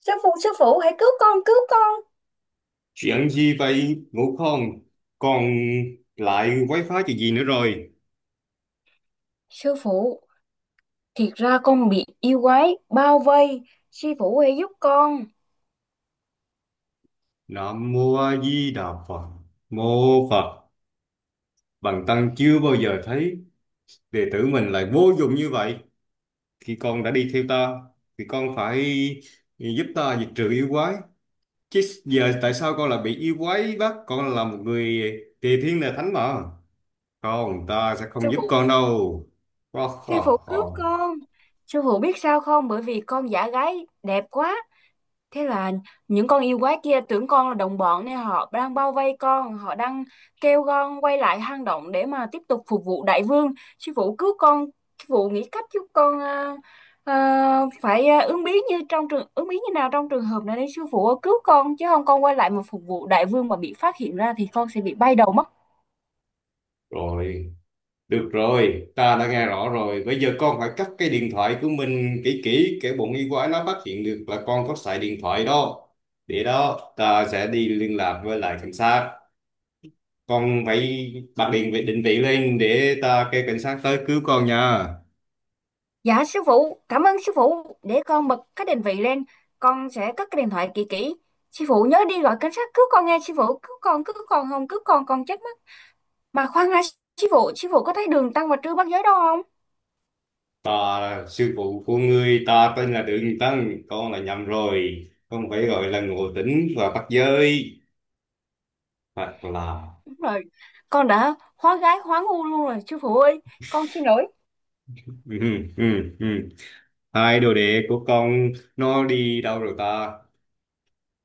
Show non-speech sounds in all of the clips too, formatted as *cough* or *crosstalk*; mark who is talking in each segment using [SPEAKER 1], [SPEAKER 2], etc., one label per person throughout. [SPEAKER 1] Sư phụ, sư phụ, hãy cứu con, cứu con.
[SPEAKER 2] Chuyện gì vậy, ngủ không? Còn lại wifi chuyện gì nữa rồi?
[SPEAKER 1] Sư phụ, thiệt ra con bị yêu quái bao vây. Sư phụ hãy giúp con.
[SPEAKER 2] Nam Mô A Di Đà Phật. Mô Phật. Bần tăng chưa bao giờ thấy đệ tử mình lại vô dụng như vậy. Khi con đã đi theo ta thì con phải giúp ta diệt trừ yêu quái. Chứ giờ tại
[SPEAKER 1] *laughs*
[SPEAKER 2] sao con lại bị yêu quái bắt? Con là một người tề thiên là thánh mà. Không, ta sẽ không
[SPEAKER 1] Sư
[SPEAKER 2] giúp
[SPEAKER 1] phụ,
[SPEAKER 2] con đâu. Ho,
[SPEAKER 1] sư phụ
[SPEAKER 2] ho,
[SPEAKER 1] cứu
[SPEAKER 2] ho.
[SPEAKER 1] con. Sư phụ biết sao không? Bởi vì con giả gái đẹp quá. Thế là những con yêu quái kia tưởng con là đồng bọn nên họ đang bao vây con, họ đang kêu con quay lại hang động để mà tiếp tục phục vụ đại vương. Sư phụ cứu con, sư phụ nghĩ cách giúp con à, phải à, ứng biến như nào trong trường hợp này để sư phụ cứu con, chứ không con quay lại mà phục vụ đại vương mà bị phát hiện ra thì con sẽ bị bay đầu mất.
[SPEAKER 2] Rồi, được rồi, ta đã nghe rõ rồi. Bây giờ con phải cắt cái điện thoại của mình kỹ kỹ, kẻo bọn y quái nó phát hiện được là con có xài điện thoại đó. Để đó, ta sẽ đi liên lạc với lại cảnh sát. Con phải bật điện vị định vị lên để ta kêu cảnh sát tới cứu con nha.
[SPEAKER 1] Dạ sư phụ, cảm ơn sư phụ. Để con bật cái định vị lên, con sẽ cất cái điện thoại kỹ kỹ. Sư phụ nhớ đi gọi cảnh sát cứu con, nghe sư phụ? Cứu con, cứu con không, cứu con chết mất. Mà khoan đã, chị phụ có thấy Đường Tăng và Trư Bắt Giới đâu không?
[SPEAKER 2] Ta là sư phụ của ngươi, ta tên là Đường Tăng, con là nhầm rồi. Con phải gọi là Ngộ Tĩnh và Bắt Giới. Hoặc là...
[SPEAKER 1] Đúng rồi, con đã hóa gái hóa ngu luôn rồi, sư phụ ơi, con xin lỗi,
[SPEAKER 2] *laughs* Ừ, ừ, ừ. Hai đồ đệ của con nó đi đâu rồi ta?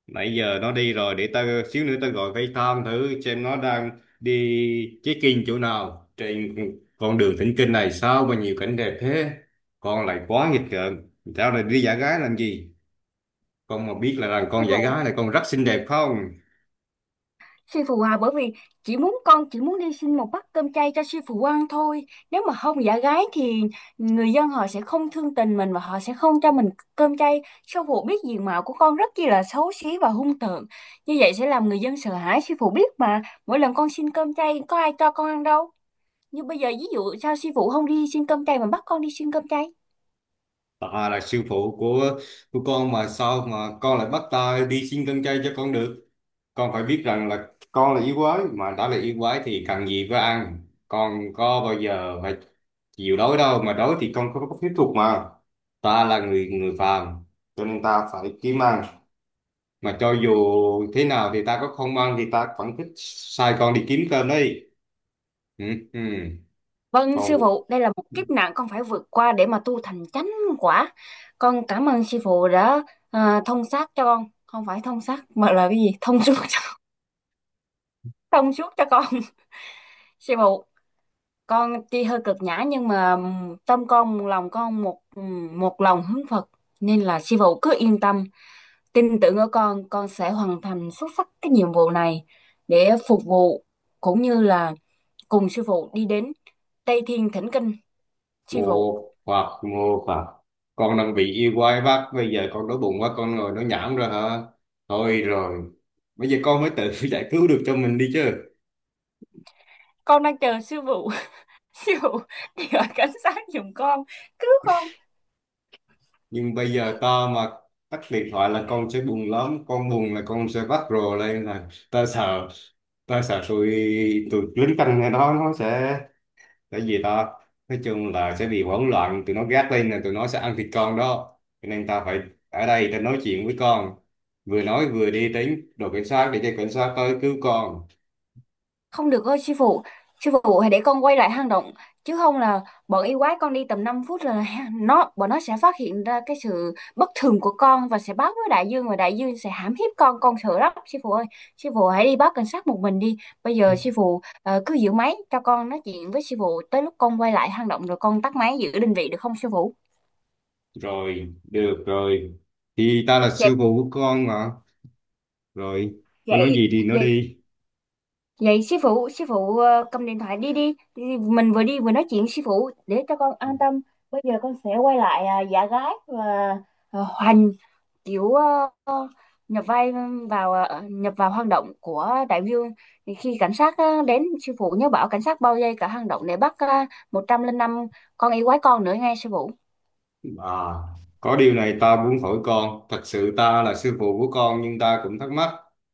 [SPEAKER 2] Nãy giờ nó đi rồi, để tao xíu nữa tao gọi FaceTime thử xem nó đang đi check-in chỗ nào trên con đường thỉnh kinh này, sao mà nhiều cảnh đẹp thế. Con lại quá nghịch ngợm, tao lại đi giả gái làm gì. Con mà biết là,
[SPEAKER 1] sư
[SPEAKER 2] con giả
[SPEAKER 1] phụ.
[SPEAKER 2] gái này con rất xinh đẹp không.
[SPEAKER 1] Sư phụ à, bởi vì chỉ muốn đi xin một bát cơm chay cho sư phụ ăn thôi. Nếu mà không giả gái thì người dân họ sẽ không thương tình mình và họ sẽ không cho mình cơm chay. Sư phụ biết diện mạo của con rất chi là xấu xí và hung tợn. Như vậy sẽ làm người dân sợ hãi, sư phụ biết mà. Mỗi lần con xin cơm chay có ai cho con ăn đâu. Nhưng bây giờ ví dụ sao sư phụ không đi xin cơm chay mà bắt con đi xin cơm chay?
[SPEAKER 2] Bà là sư phụ của con mà sao mà con lại bắt ta đi xin con trai cho con được? Con phải biết rằng là con là yêu quái, mà đã là yêu quái thì cần gì phải ăn. Con có bao giờ phải chịu đói đâu, mà đói thì con không có phép thuật mà. Ta là người người phàm cho nên ta phải kiếm ăn. Mà cho dù thế nào thì ta có không ăn thì ta vẫn thích sai con đi kiếm cơm đấy. Ừ, ừ.
[SPEAKER 1] Vâng sư
[SPEAKER 2] Con
[SPEAKER 1] phụ, đây là một kiếp nạn con phải vượt qua để mà tu thành chánh quả. Con cảm ơn sư phụ đã thông sát cho con, không phải thông sát mà là cái gì? *laughs* Thông suốt cho con. *laughs* Sư phụ, con tuy hơi cực nhã nhưng mà tâm con lòng con một một lòng hướng Phật, nên là sư phụ cứ yên tâm, tin tưởng ở con sẽ hoàn thành xuất sắc cái nhiệm vụ này để phục vụ cũng như là cùng sư phụ đi đến Tây Thiên Thỉnh Kinh, sư
[SPEAKER 2] ngộ
[SPEAKER 1] phụ.
[SPEAKER 2] hoặc ngộ phạt, con đang bị yêu quái bắt, bây giờ con đói bụng quá con ngồi nó nhảm rồi hả? Thôi rồi, bây giờ con mới tự *laughs* giải cứu được cho mình đi chứ.
[SPEAKER 1] Con đang chờ sư phụ. *laughs* Sư phụ đi gọi cảnh sát giùm con, cứu con.
[SPEAKER 2] Nhưng bây giờ ta mà tắt điện thoại là con sẽ buồn lắm, con buồn là con sẽ vắt rồ lên là ta sợ. Ta sợ tụi tụi lính canh này đó nó sẽ, tại vì ta nói chung là sẽ bị hỗn loạn, tụi nó gác lên là tụi nó sẽ ăn thịt con đó. Cho nên ta phải ở đây ta nói chuyện với con, vừa nói vừa đi đến đồn cảnh sát để cho cảnh sát tới cứu con.
[SPEAKER 1] Không được ơi sư phụ, sư phụ hãy để con quay lại hang động, chứ không là bọn yêu quái, con đi tầm 5 phút là ha- nó bọn nó sẽ phát hiện ra cái sự bất thường của con và sẽ báo với đại dương, và đại dương sẽ hãm hiếp con sợ lắm sư phụ ơi. Sư phụ hãy đi báo cảnh sát một mình đi. Bây giờ sư phụ cứ giữ máy cho con nói chuyện với sư phụ tới lúc con quay lại hang động rồi con tắt máy, giữ định vị, được không sư phụ?
[SPEAKER 2] Rồi, được rồi, thì ta là
[SPEAKER 1] Dạ,
[SPEAKER 2] sư phụ của con mà. Rồi, con nói
[SPEAKER 1] vậy
[SPEAKER 2] gì thì nói
[SPEAKER 1] vậy
[SPEAKER 2] đi.
[SPEAKER 1] vậy sư phụ, sư phụ cầm điện thoại đi đi. Mình vừa đi vừa nói chuyện, sư phụ, để cho con an tâm. Bây giờ con sẽ quay lại, giả gái và hoành kiểu nhập vai vào nhập vào hang động của đại vương. Thì khi cảnh sát đến, sư phụ nhớ bảo cảnh sát bao vây cả hang động để bắt 105 con yêu quái, con nữa nghe sư phụ.
[SPEAKER 2] À, có điều này ta muốn hỏi con, thật sự ta là sư phụ của con nhưng ta cũng thắc mắc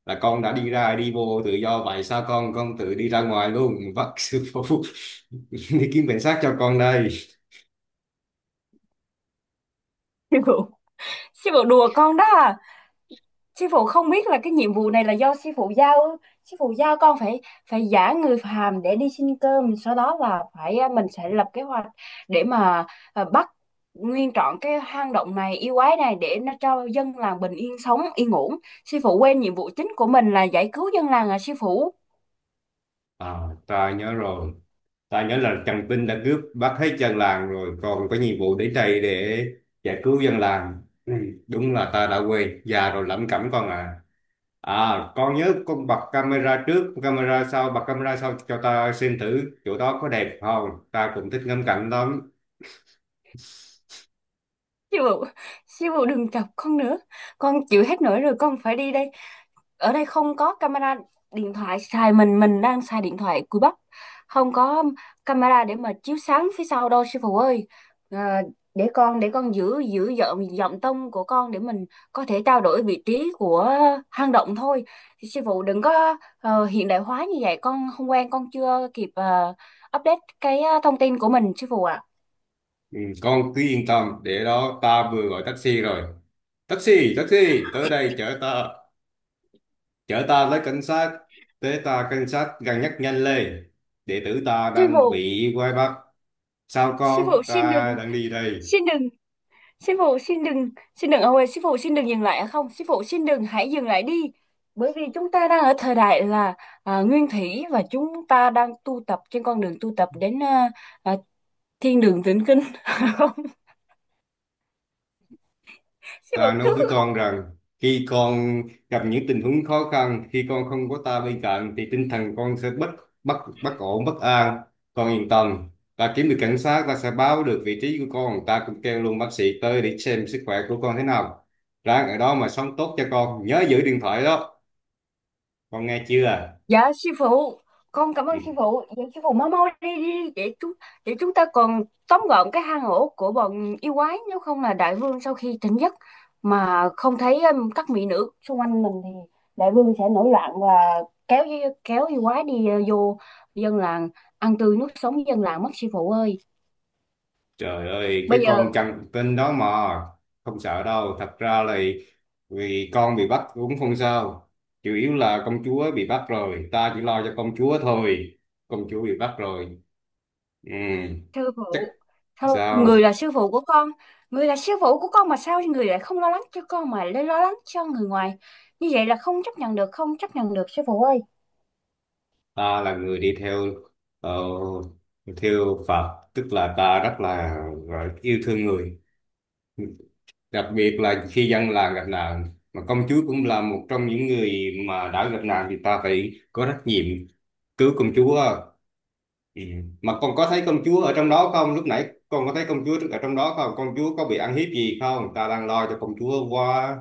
[SPEAKER 2] là con đã đi ra đi vô tự do vậy, sao con tự đi ra ngoài luôn. *laughs* Vâng sư phụ. *laughs* Đi kiếm cảnh sát cho con đây.
[SPEAKER 1] Sư phụ, sư phụ đùa con đó à? Sư phụ không biết là cái nhiệm vụ này là do sư phụ giao ư? Sư phụ giao con phải phải giả người phàm để đi xin cơm, sau đó là phải mình sẽ lập kế hoạch để mà bắt nguyên trọn cái hang động này, yêu quái này, để nó cho dân làng bình yên sống yên ổn. Sư phụ quên nhiệm vụ chính của mình là giải cứu dân làng à sư phụ?
[SPEAKER 2] À, ta nhớ rồi. Ta nhớ là Trần Vinh đã cướp bắt hết dân làng rồi, còn có nhiệm vụ đến đây để giải cứu dân làng. Ừ, đúng là ta đã quên, già rồi lẩm cẩm con à. À, con nhớ con bật camera trước, camera sau, bật camera sau cho ta xem thử chỗ đó có đẹp không. Ta cũng thích ngắm cảnh lắm.
[SPEAKER 1] Siêu phụ, Siêu phụ đừng chọc con nữa. Con chịu hết nổi rồi, con phải đi đây. Ở đây không có camera điện thoại xài, mình đang xài điện thoại cùi bắp. Không có camera để mà chiếu sáng phía sau đâu sư phụ ơi. À, để con giữ giữ giọng giọng tông của con để mình có thể trao đổi vị trí của hang động thôi. Sư phụ đừng có hiện đại hóa như vậy, con không quen, con chưa kịp update cái thông tin của mình sư phụ ạ.
[SPEAKER 2] Ừ, con cứ yên tâm, để đó ta vừa gọi taxi rồi. Taxi, taxi, tới đây chở ta tới cảnh sát, tới ta cảnh sát gần nhất nhanh lên. Đệ tử ta
[SPEAKER 1] Sư
[SPEAKER 2] đang
[SPEAKER 1] phụ,
[SPEAKER 2] bị quay bắt. Sao
[SPEAKER 1] sư
[SPEAKER 2] con,
[SPEAKER 1] phụ xin
[SPEAKER 2] ta
[SPEAKER 1] đừng,
[SPEAKER 2] đang đi đây.
[SPEAKER 1] xin đừng. Sư phụ xin đừng ông ơi, sư phụ xin đừng dừng lại ạ, không? Sư phụ xin đừng, hãy dừng lại đi. Bởi vì chúng ta đang ở thời đại là nguyên thủy, và chúng ta đang tu tập trên con đường tu tập đến à, thiên đường tịnh kinh. *laughs* Không, sư
[SPEAKER 2] Ta
[SPEAKER 1] phụ.
[SPEAKER 2] nói với con rằng khi con gặp những tình huống khó khăn, khi con không có ta bên cạnh thì tinh thần con sẽ bất bất bất ổn, bất an. Con yên tâm, ta kiếm được cảnh sát, ta sẽ báo được vị trí của con, ta cũng kêu luôn bác sĩ tới để xem sức khỏe của con thế nào. Ráng ở đó mà sống tốt cho con, nhớ giữ điện thoại đó. Con nghe chưa?
[SPEAKER 1] Dạ sư phụ, con cảm ơn sư
[SPEAKER 2] Ừ.
[SPEAKER 1] phụ. Dạ sư phụ mau mau đi đi để chúng ta còn tóm gọn cái hang ổ của bọn yêu quái, nếu không là đại vương sau khi tỉnh giấc mà không thấy các mỹ nữ xung quanh mình thì đại vương sẽ nổi loạn và kéo yêu quái đi vô dân làng, ăn tươi nuốt sống dân làng mất sư phụ ơi.
[SPEAKER 2] Trời ơi, cái
[SPEAKER 1] Bây giờ,
[SPEAKER 2] con chằn tin đó mà không sợ đâu. Thật ra là vì con bị bắt cũng không sao. Chủ yếu là công chúa bị bắt rồi, ta chỉ lo cho công chúa thôi. Công chúa bị bắt rồi. Ừ,
[SPEAKER 1] sư
[SPEAKER 2] chắc
[SPEAKER 1] phụ, thôi người
[SPEAKER 2] sao?
[SPEAKER 1] là sư phụ của con, người là sư phụ của con mà sao người lại không lo lắng cho con mà lại lo lắng cho người ngoài. Như vậy là không chấp nhận được, không chấp nhận được sư phụ ơi.
[SPEAKER 2] Ta là người đi theo ờ, theo Phật, tức là ta là yêu thương người. Đặc biệt là khi dân làng gặp nạn mà công chúa cũng là một trong những người mà đã gặp nạn thì ta phải có trách nhiệm cứu công chúa. Ừ. Mà con có thấy công chúa ở trong đó không, lúc nãy con có thấy công chúa ở trong đó không, công chúa có bị ăn hiếp gì không, ta đang lo cho công chúa quá.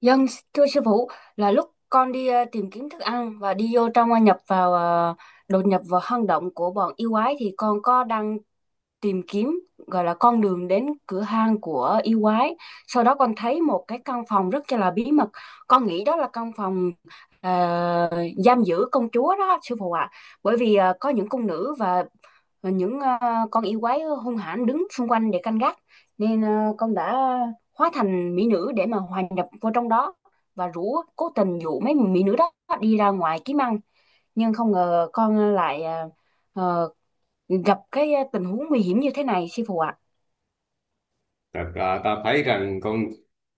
[SPEAKER 1] Dân, thưa sư phụ, là lúc con đi tìm kiếm thức ăn và đi vô trong đột nhập vào hang động của bọn yêu quái, thì con có đang tìm kiếm, gọi là con đường đến cửa hang của yêu quái. Sau đó con thấy một cái căn phòng rất là bí mật. Con nghĩ đó là căn phòng ờ, giam giữ công chúa đó, sư phụ ạ. Bởi vì có những cung nữ và những con yêu quái hung hãn đứng xung quanh để canh gác. Nên con đã hóa thành mỹ nữ để mà hòa nhập vô trong đó và cố tình dụ mấy mỹ nữ đó đi ra ngoài kiếm ăn, nhưng không ngờ con lại ờ, gặp cái tình huống nguy hiểm như thế này sư phụ ạ.
[SPEAKER 2] Thật ra ta thấy rằng con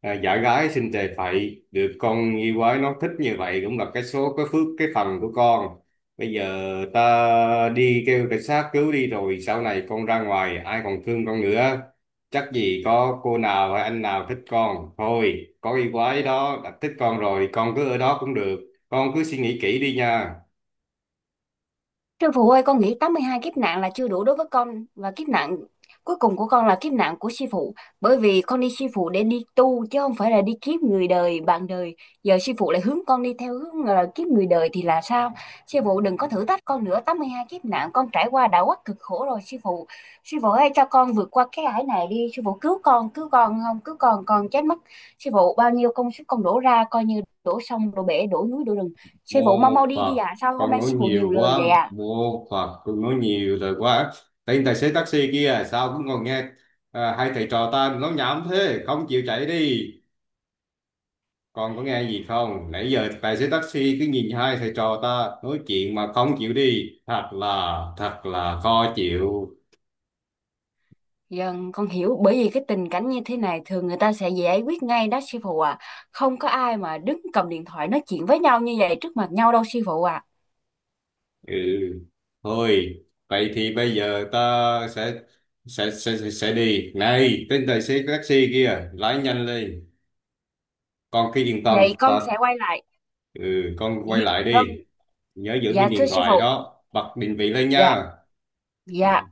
[SPEAKER 2] giả gái xinh tề phậy được con yêu quái nó thích như vậy cũng là cái số cái phước cái phần của con. Bây giờ ta đi kêu cảnh sát cứu đi rồi sau này con ra ngoài ai còn thương con nữa. Chắc gì có cô nào hay anh nào thích con. Thôi có yêu quái đó đã thích con rồi con cứ ở đó cũng được. Con cứ suy nghĩ kỹ đi nha.
[SPEAKER 1] Sư phụ ơi, con nghĩ 82 kiếp nạn là chưa đủ đối với con, và kiếp nạn cuối cùng của con là kiếp nạn của sư phụ. Bởi vì con đi sư phụ để đi tu chứ không phải là đi kiếp người đời, bạn đời. Giờ sư phụ lại hướng con đi theo hướng là kiếp người đời thì là sao? Sư phụ đừng có thử thách con nữa, 82 kiếp nạn con trải qua đã quá cực khổ rồi sư phụ. Sư phụ ơi, cho con vượt qua cái ải này đi sư phụ, cứu con, cứu con, không cứu con chết mất sư phụ. Bao nhiêu công sức con đổ ra coi như đổ sông đổ bể đổ núi đổ rừng, sư
[SPEAKER 2] Mô
[SPEAKER 1] phụ mau mau đi đi
[SPEAKER 2] Phật,
[SPEAKER 1] ạ. Sao hôm
[SPEAKER 2] con
[SPEAKER 1] nay
[SPEAKER 2] nói
[SPEAKER 1] sư phụ
[SPEAKER 2] nhiều
[SPEAKER 1] nhiều lời vậy
[SPEAKER 2] quá.
[SPEAKER 1] ạ?
[SPEAKER 2] Mô Phật, con nói nhiều rồi quá. Tên tài xế taxi kia sao cũng còn nghe à, hai thầy trò ta nói nhảm thế không chịu chạy đi. Con có nghe gì không, nãy giờ tài xế taxi cứ nhìn hai thầy trò ta nói chuyện mà không chịu đi, thật là khó chịu.
[SPEAKER 1] Dân, con hiểu bởi vì cái tình cảnh như thế này thường người ta sẽ giải quyết ngay đó sư phụ à. Không có ai mà đứng cầm điện thoại nói chuyện với nhau như vậy trước mặt nhau đâu sư phụ à.
[SPEAKER 2] Ừ, thôi vậy thì bây giờ ta sẽ sẽ đi. Này tên tài xế taxi kia lái nhanh lên. Con cứ yên tâm
[SPEAKER 1] Vậy con
[SPEAKER 2] ta.
[SPEAKER 1] sẽ quay lại.
[SPEAKER 2] Ừ, con quay lại
[SPEAKER 1] Vâng,
[SPEAKER 2] đi, nhớ giữ
[SPEAKER 1] dạ
[SPEAKER 2] viên điện
[SPEAKER 1] thưa sư
[SPEAKER 2] thoại
[SPEAKER 1] phụ.
[SPEAKER 2] đó, bật định vị lên
[SPEAKER 1] Dạ,
[SPEAKER 2] nha.
[SPEAKER 1] dạ.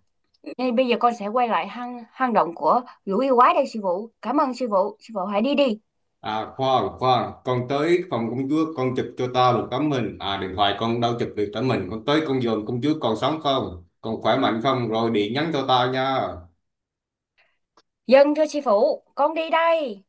[SPEAKER 1] Ngay bây giờ con sẽ quay lại hang hang động của lũ yêu quái đây sư phụ. Cảm ơn sư phụ. Sư phụ hãy đi đi.
[SPEAKER 2] À khoan khoan, con tới phòng công chúa con chụp cho tao một tấm hình. À, điện thoại con đâu chụp được tấm hình, con tới con dòm công chúa còn sống không, còn khỏe mạnh không, rồi điện nhắn cho tao nha.
[SPEAKER 1] Dân thưa sư phụ, con đi đây.